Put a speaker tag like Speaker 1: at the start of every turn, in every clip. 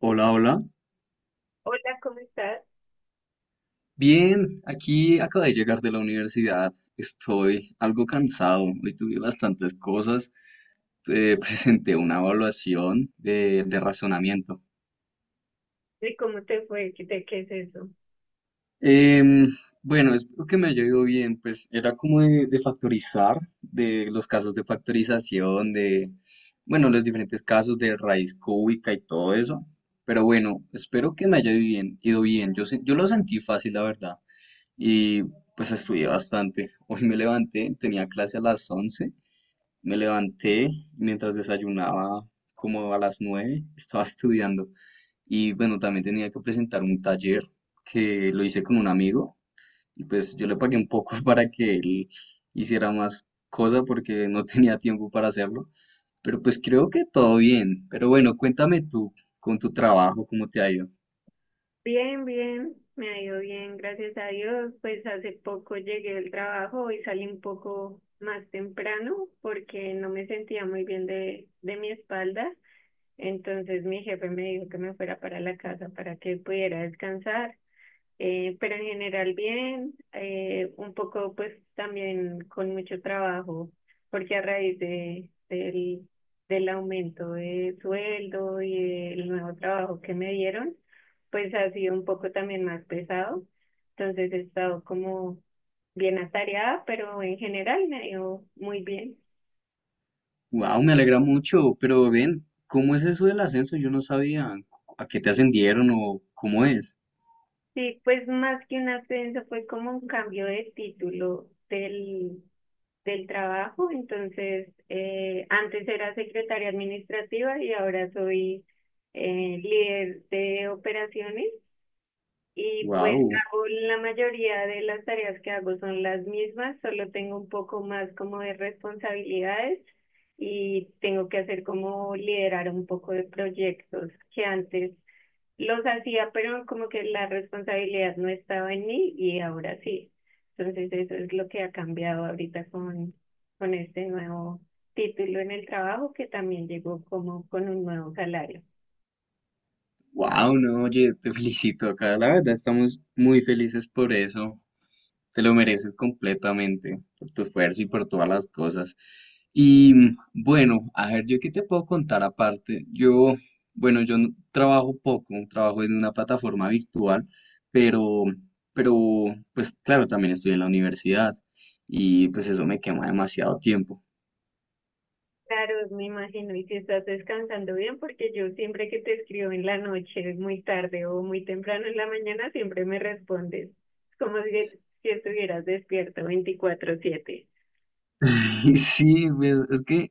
Speaker 1: Hola, hola.
Speaker 2: Hola, ¿cómo estás?
Speaker 1: Bien, aquí acabo de llegar de la universidad. Estoy algo cansado. Hoy tuve bastantes cosas. Presenté una evaluación de razonamiento.
Speaker 2: ¿Y cómo te fue? ¿De qué es eso?
Speaker 1: Em, bueno, espero que me haya ido bien. Pues era como de factorizar, de los casos de factorización, de, bueno, los diferentes casos de raíz cúbica y todo eso. Pero bueno, espero que me haya ido bien, ido bien. Yo, yo lo sentí fácil, la verdad. Y pues estudié bastante. Hoy me levanté, tenía clase a las once. Me levanté y mientras desayunaba, como a las nueve, estaba estudiando. Y bueno, también tenía que presentar un taller que lo hice con un amigo, y pues yo le pagué un poco para que él hiciera más cosa porque no tenía tiempo para hacerlo, pero pues creo que todo bien. Pero bueno, cuéntame tú con tu trabajo, ¿cómo te ha ido?
Speaker 2: Bien, bien, me ha ido bien, gracias a Dios. Pues hace poco llegué del trabajo y salí un poco más temprano porque no me sentía muy bien de mi espalda. Entonces mi jefe me dijo que me fuera para la casa para que pudiera descansar. Pero en general bien, un poco pues también con mucho trabajo, porque a raíz del aumento de sueldo y el nuevo trabajo que me dieron, pues ha sido un poco también más pesado. Entonces he estado como bien atareada, pero en general me ha ido muy bien.
Speaker 1: Wow, me alegra mucho, pero ven, ¿cómo es eso del ascenso? Yo no sabía a qué te ascendieron o cómo es.
Speaker 2: Sí, pues más que un ascenso fue como un cambio de del trabajo, entonces antes era secretaria administrativa y ahora soy líder de operaciones y pues
Speaker 1: Wow,
Speaker 2: hago la mayoría de las tareas que hago son las mismas, solo tengo un poco más como de responsabilidades y tengo que hacer como liderar un poco de proyectos que antes los hacía, pero como que la responsabilidad no estaba en mí y ahora sí. Entonces eso es lo que ha cambiado ahorita con este nuevo título en el trabajo que también llegó como con un nuevo salario.
Speaker 1: wow, no, oye, te felicito acá, la verdad estamos muy felices por eso. Te lo mereces completamente por tu esfuerzo y por todas las cosas. Y mm, bueno, a ver, yo qué te puedo contar aparte. Yo, bueno, yo no- trabajo poco, trabajo en una plataforma virtual, pero, pero, pues claro, también estoy en la universidad y pues eso me quema demasiado tiempo.
Speaker 2: Claro, me imagino, y si estás descansando bien, porque yo siempre que te escribo en la noche, muy tarde o muy temprano en la mañana, siempre me respondes. Es como si estuvieras despierto 24/7.
Speaker 1: Sí, pues es que,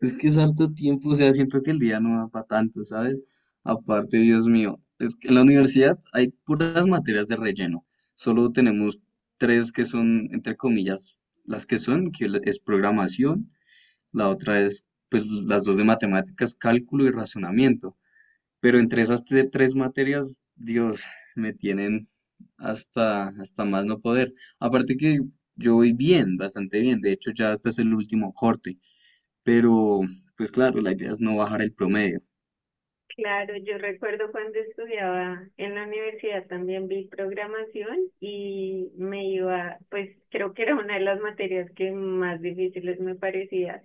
Speaker 1: es que es harto tiempo, o sea, siento que el día no da para tanto, ¿sabes? Aparte, Dios mío, es que en la universidad hay puras materias de relleno, solo tenemos tres que son, entre comillas, las que son, es programación, la otra es, pues, las dos de matemáticas, cálculo y razonamiento. Pero entre esas tres materias, Dios, me tienen hasta, hasta más no poder. Aparte que yo voy bien, bastante bien. De hecho, ya este es el último corte. Pero, pues claro, la idea es no bajar el promedio.
Speaker 2: Claro, yo recuerdo cuando estudiaba en la universidad también vi programación y me iba, pues creo que era una de las materias que más difíciles me parecía.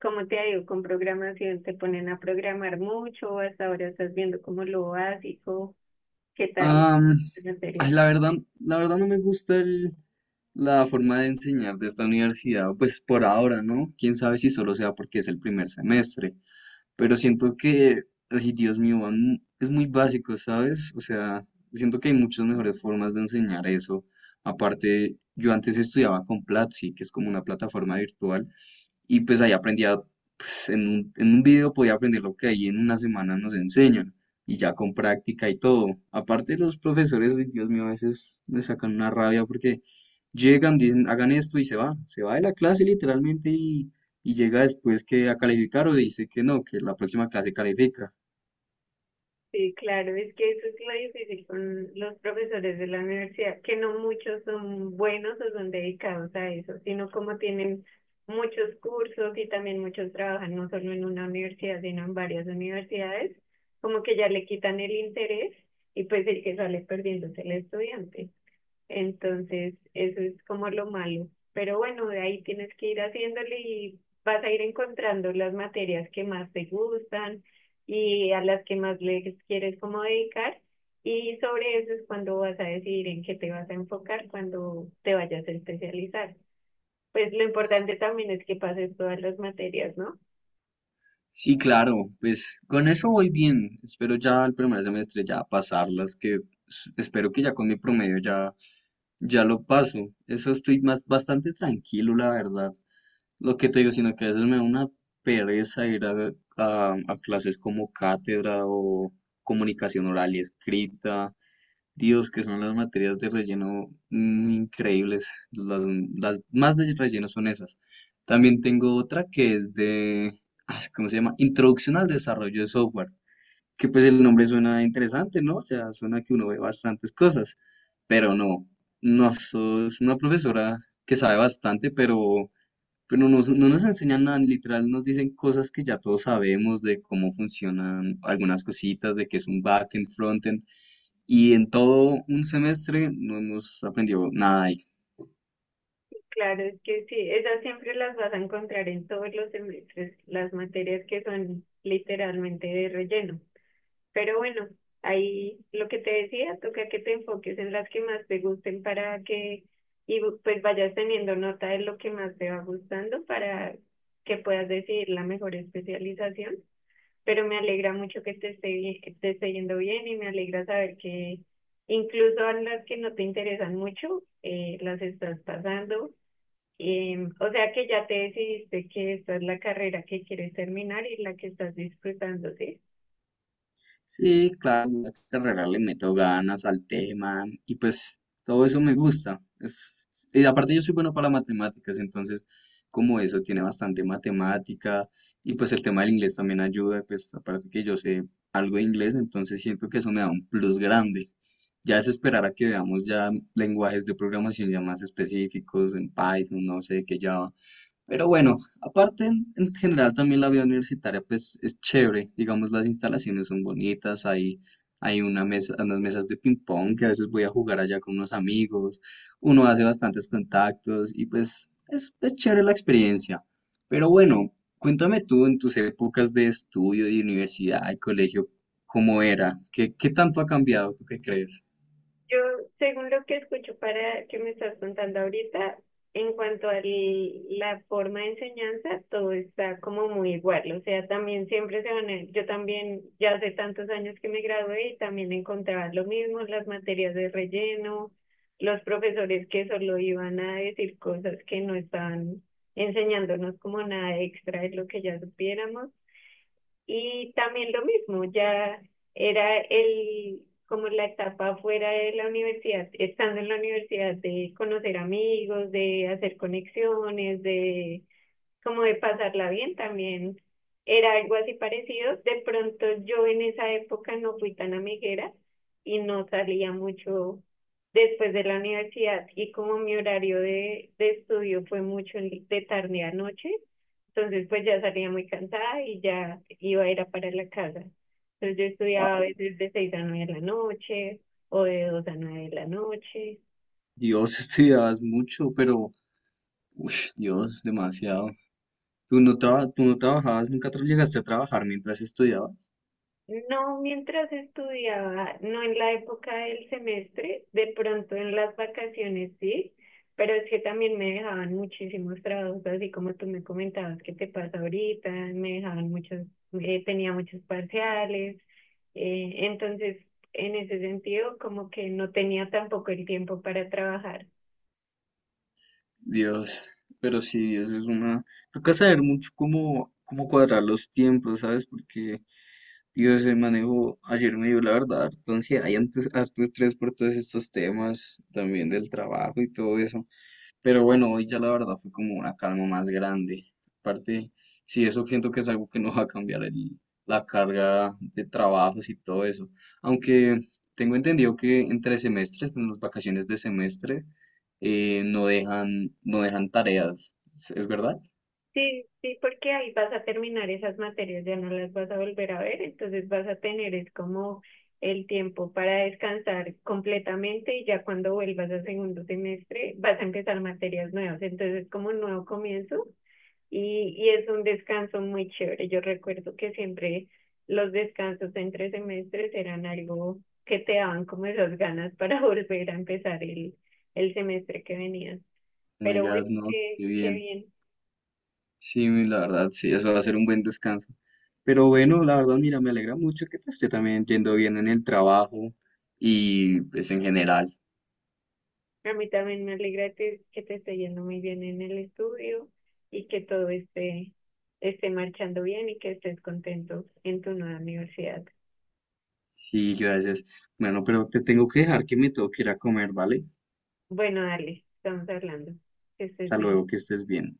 Speaker 2: Como te digo, con programación te ponen a programar mucho, hasta ahora estás viendo como lo básico, ¿qué tal
Speaker 1: Am,
Speaker 2: esa
Speaker 1: ay,
Speaker 2: materia?
Speaker 1: la verdad no me gusta la forma de enseñar de esta universidad, pues por ahora, ¿no? Quién sabe si solo sea porque es el primer semestre. Pero siento que, ay, Dios mío, es muy básico, ¿sabes? O sea, siento que hay muchas mejores formas de enseñar eso. Aparte, yo antes estudiaba con Platzi, que es como una plataforma virtual, y pues ahí aprendía, pues, en en un video podía aprender lo que ahí en una semana nos enseñan, y ya con práctica y todo. Aparte los profesores, ay, Dios mío, a veces me sacan una rabia porque llegan, dicen, hagan esto, y se va de la clase literalmente, y llega después que a calificar o dice que no, que la próxima clase califica.
Speaker 2: Sí, claro, es que eso es lo difícil con los profesores de la universidad, que no muchos son buenos o son dedicados a eso, sino como tienen muchos cursos y también muchos trabajan no solo en una universidad, sino en varias universidades, como que ya le quitan el interés y pues el que sale perdiendo es el estudiante. Entonces, eso es como lo malo. Pero bueno, de ahí tienes que ir haciéndole y vas a ir encontrando las materias que más te gustan y a las que más le quieres como dedicar. Y sobre eso es cuando vas a decidir en qué te vas a enfocar cuando te vayas a especializar. Pues lo importante también es que pases todas las materias, ¿no?
Speaker 1: Sí, claro, pues con eso voy bien. Espero ya el primer semestre ya pasarlas, que espero que ya con mi promedio ya ya lo paso. Eso estoy más bastante tranquilo, la verdad. Lo que te digo, sino que a veces me da una pereza ir a, a clases como cátedra o comunicación oral y escrita. Dios, que son las materias de relleno, increíbles. Las más de relleno son esas. También tengo otra que es de, ah, ¿cómo se llama? Introducción al desarrollo de software, que pues el nombre suena interesante, ¿no? O sea, suena que uno ve bastantes cosas, pero no, no, es una profesora que sabe bastante, pero no, no nos enseñan nada, literal nos dicen cosas que ya todos sabemos de cómo funcionan algunas cositas, de qué es un backend, frontend, y en todo un semestre no hemos aprendido nada.
Speaker 2: Claro, es que sí, esas siempre las vas a encontrar en todos los semestres, las materias que son literalmente de relleno. Pero bueno, ahí lo que te decía, toca que te enfoques en las que más te gusten para que, y pues vayas teniendo nota de lo que más te va gustando para que puedas decidir la mejor especialización. Pero me alegra mucho que te esté, que te esté yendo bien y me alegra saber que incluso a las que no te interesan mucho, las estás pasando. O sea que ya te decidiste que esta es la carrera que quieres terminar y la que estás disfrutando, ¿sí?
Speaker 1: Sí, claro, la carrera le meto ganas al tema y pues todo eso me gusta. Es, y aparte yo soy bueno para las matemáticas, entonces como eso tiene bastante matemática, y pues el tema del inglés también ayuda, pues aparte que yo sé algo de inglés, entonces siento que eso me da un plus grande. Ya es esperar a que veamos ya lenguajes de programación ya más específicos en Python, no sé, que ya, pero bueno, aparte en general también la vida universitaria pues es chévere, digamos las instalaciones son bonitas, hay una mesa, unas mesas de ping pong que a veces voy a jugar allá con unos amigos, uno hace bastantes contactos y pues es chévere la experiencia. Pero bueno, cuéntame tú en tus épocas de estudio, de universidad y colegio, ¿cómo era? ¿Qué, qué tanto ha cambiado? ¿Tú qué crees?
Speaker 2: Yo, según lo que escucho para que me estás contando ahorita, en cuanto a la forma de enseñanza, todo está como muy igual. O sea, también siempre se van a... Yo también, ya hace tantos años que me gradué y también encontraba lo mismo, las materias de relleno, los profesores que solo iban a decir cosas que no estaban enseñándonos como nada extra de lo que ya supiéramos. Y también lo mismo, ya era el, como la etapa fuera de la universidad, estando en la universidad, de conocer amigos, de hacer conexiones, de como de pasarla bien también era algo así parecido. De pronto yo en esa época no fui tan amiguera y no salía mucho después de la universidad y como mi horario de estudio fue mucho de tarde a noche, entonces pues ya salía muy cansada y ya iba a ir a parar la casa. Entonces yo estudiaba a
Speaker 1: Wow,
Speaker 2: veces de 6 a 9 de la noche o de 2 a 9 de la noche.
Speaker 1: Dios, estudiabas mucho, pero, uff, Dios, demasiado. ¿Tú no, tú no trabajabas, nunca llegaste a trabajar mientras estudiabas?
Speaker 2: No, mientras estudiaba, no en la época del semestre, de pronto en las vacaciones sí, pero es que también me dejaban muchísimos trabajos, así como tú me comentabas que te pasa ahorita, me dejaban muchos, tenía muchos parciales, entonces en ese sentido como que no tenía tampoco el tiempo para trabajar.
Speaker 1: Dios, pero sí, eso es una... Toca saber mucho cómo, cómo cuadrar los tiempos, ¿sabes? Porque, Dios, el manejo ayer me dio la verdad, entonces hay antes harto estrés por todos estos temas, también del trabajo y todo eso. Pero bueno, hoy ya la verdad fue como una calma más grande. Aparte, sí, eso siento que es algo que no va a cambiar la carga de trabajos y todo eso. Aunque tengo entendido que entre semestres, en las vacaciones de semestre, no dejan, no dejan tareas. Es verdad?
Speaker 2: Sí, sí, porque ahí vas a terminar esas materias, ya no las vas a volver a ver, entonces vas a tener es como el tiempo para descansar completamente y ya cuando vuelvas al segundo semestre vas a empezar materias nuevas, entonces es como un nuevo comienzo y es un descanso muy chévere. Yo recuerdo que siempre los descansos entre semestres eran algo que te daban como esas ganas para volver a empezar el semestre que venía.
Speaker 1: Oh my
Speaker 2: Pero
Speaker 1: God,
Speaker 2: bueno,
Speaker 1: no, qué
Speaker 2: qué
Speaker 1: bien.
Speaker 2: bien.
Speaker 1: Sí, la verdad, sí, eso va a ser un buen descanso. Pero bueno, la verdad, mira, me alegra mucho que te esté también yendo bien en el trabajo y pues en general.
Speaker 2: A mí también me alegra que te esté yendo muy bien en el estudio y que todo esté marchando bien y que estés contento en tu nueva universidad.
Speaker 1: Sí, gracias. Bueno, pero te tengo que dejar que me tengo que ir a comer, ¿vale?
Speaker 2: Bueno, dale, estamos hablando. Que estés
Speaker 1: Hasta
Speaker 2: bien.
Speaker 1: luego, que estés bien.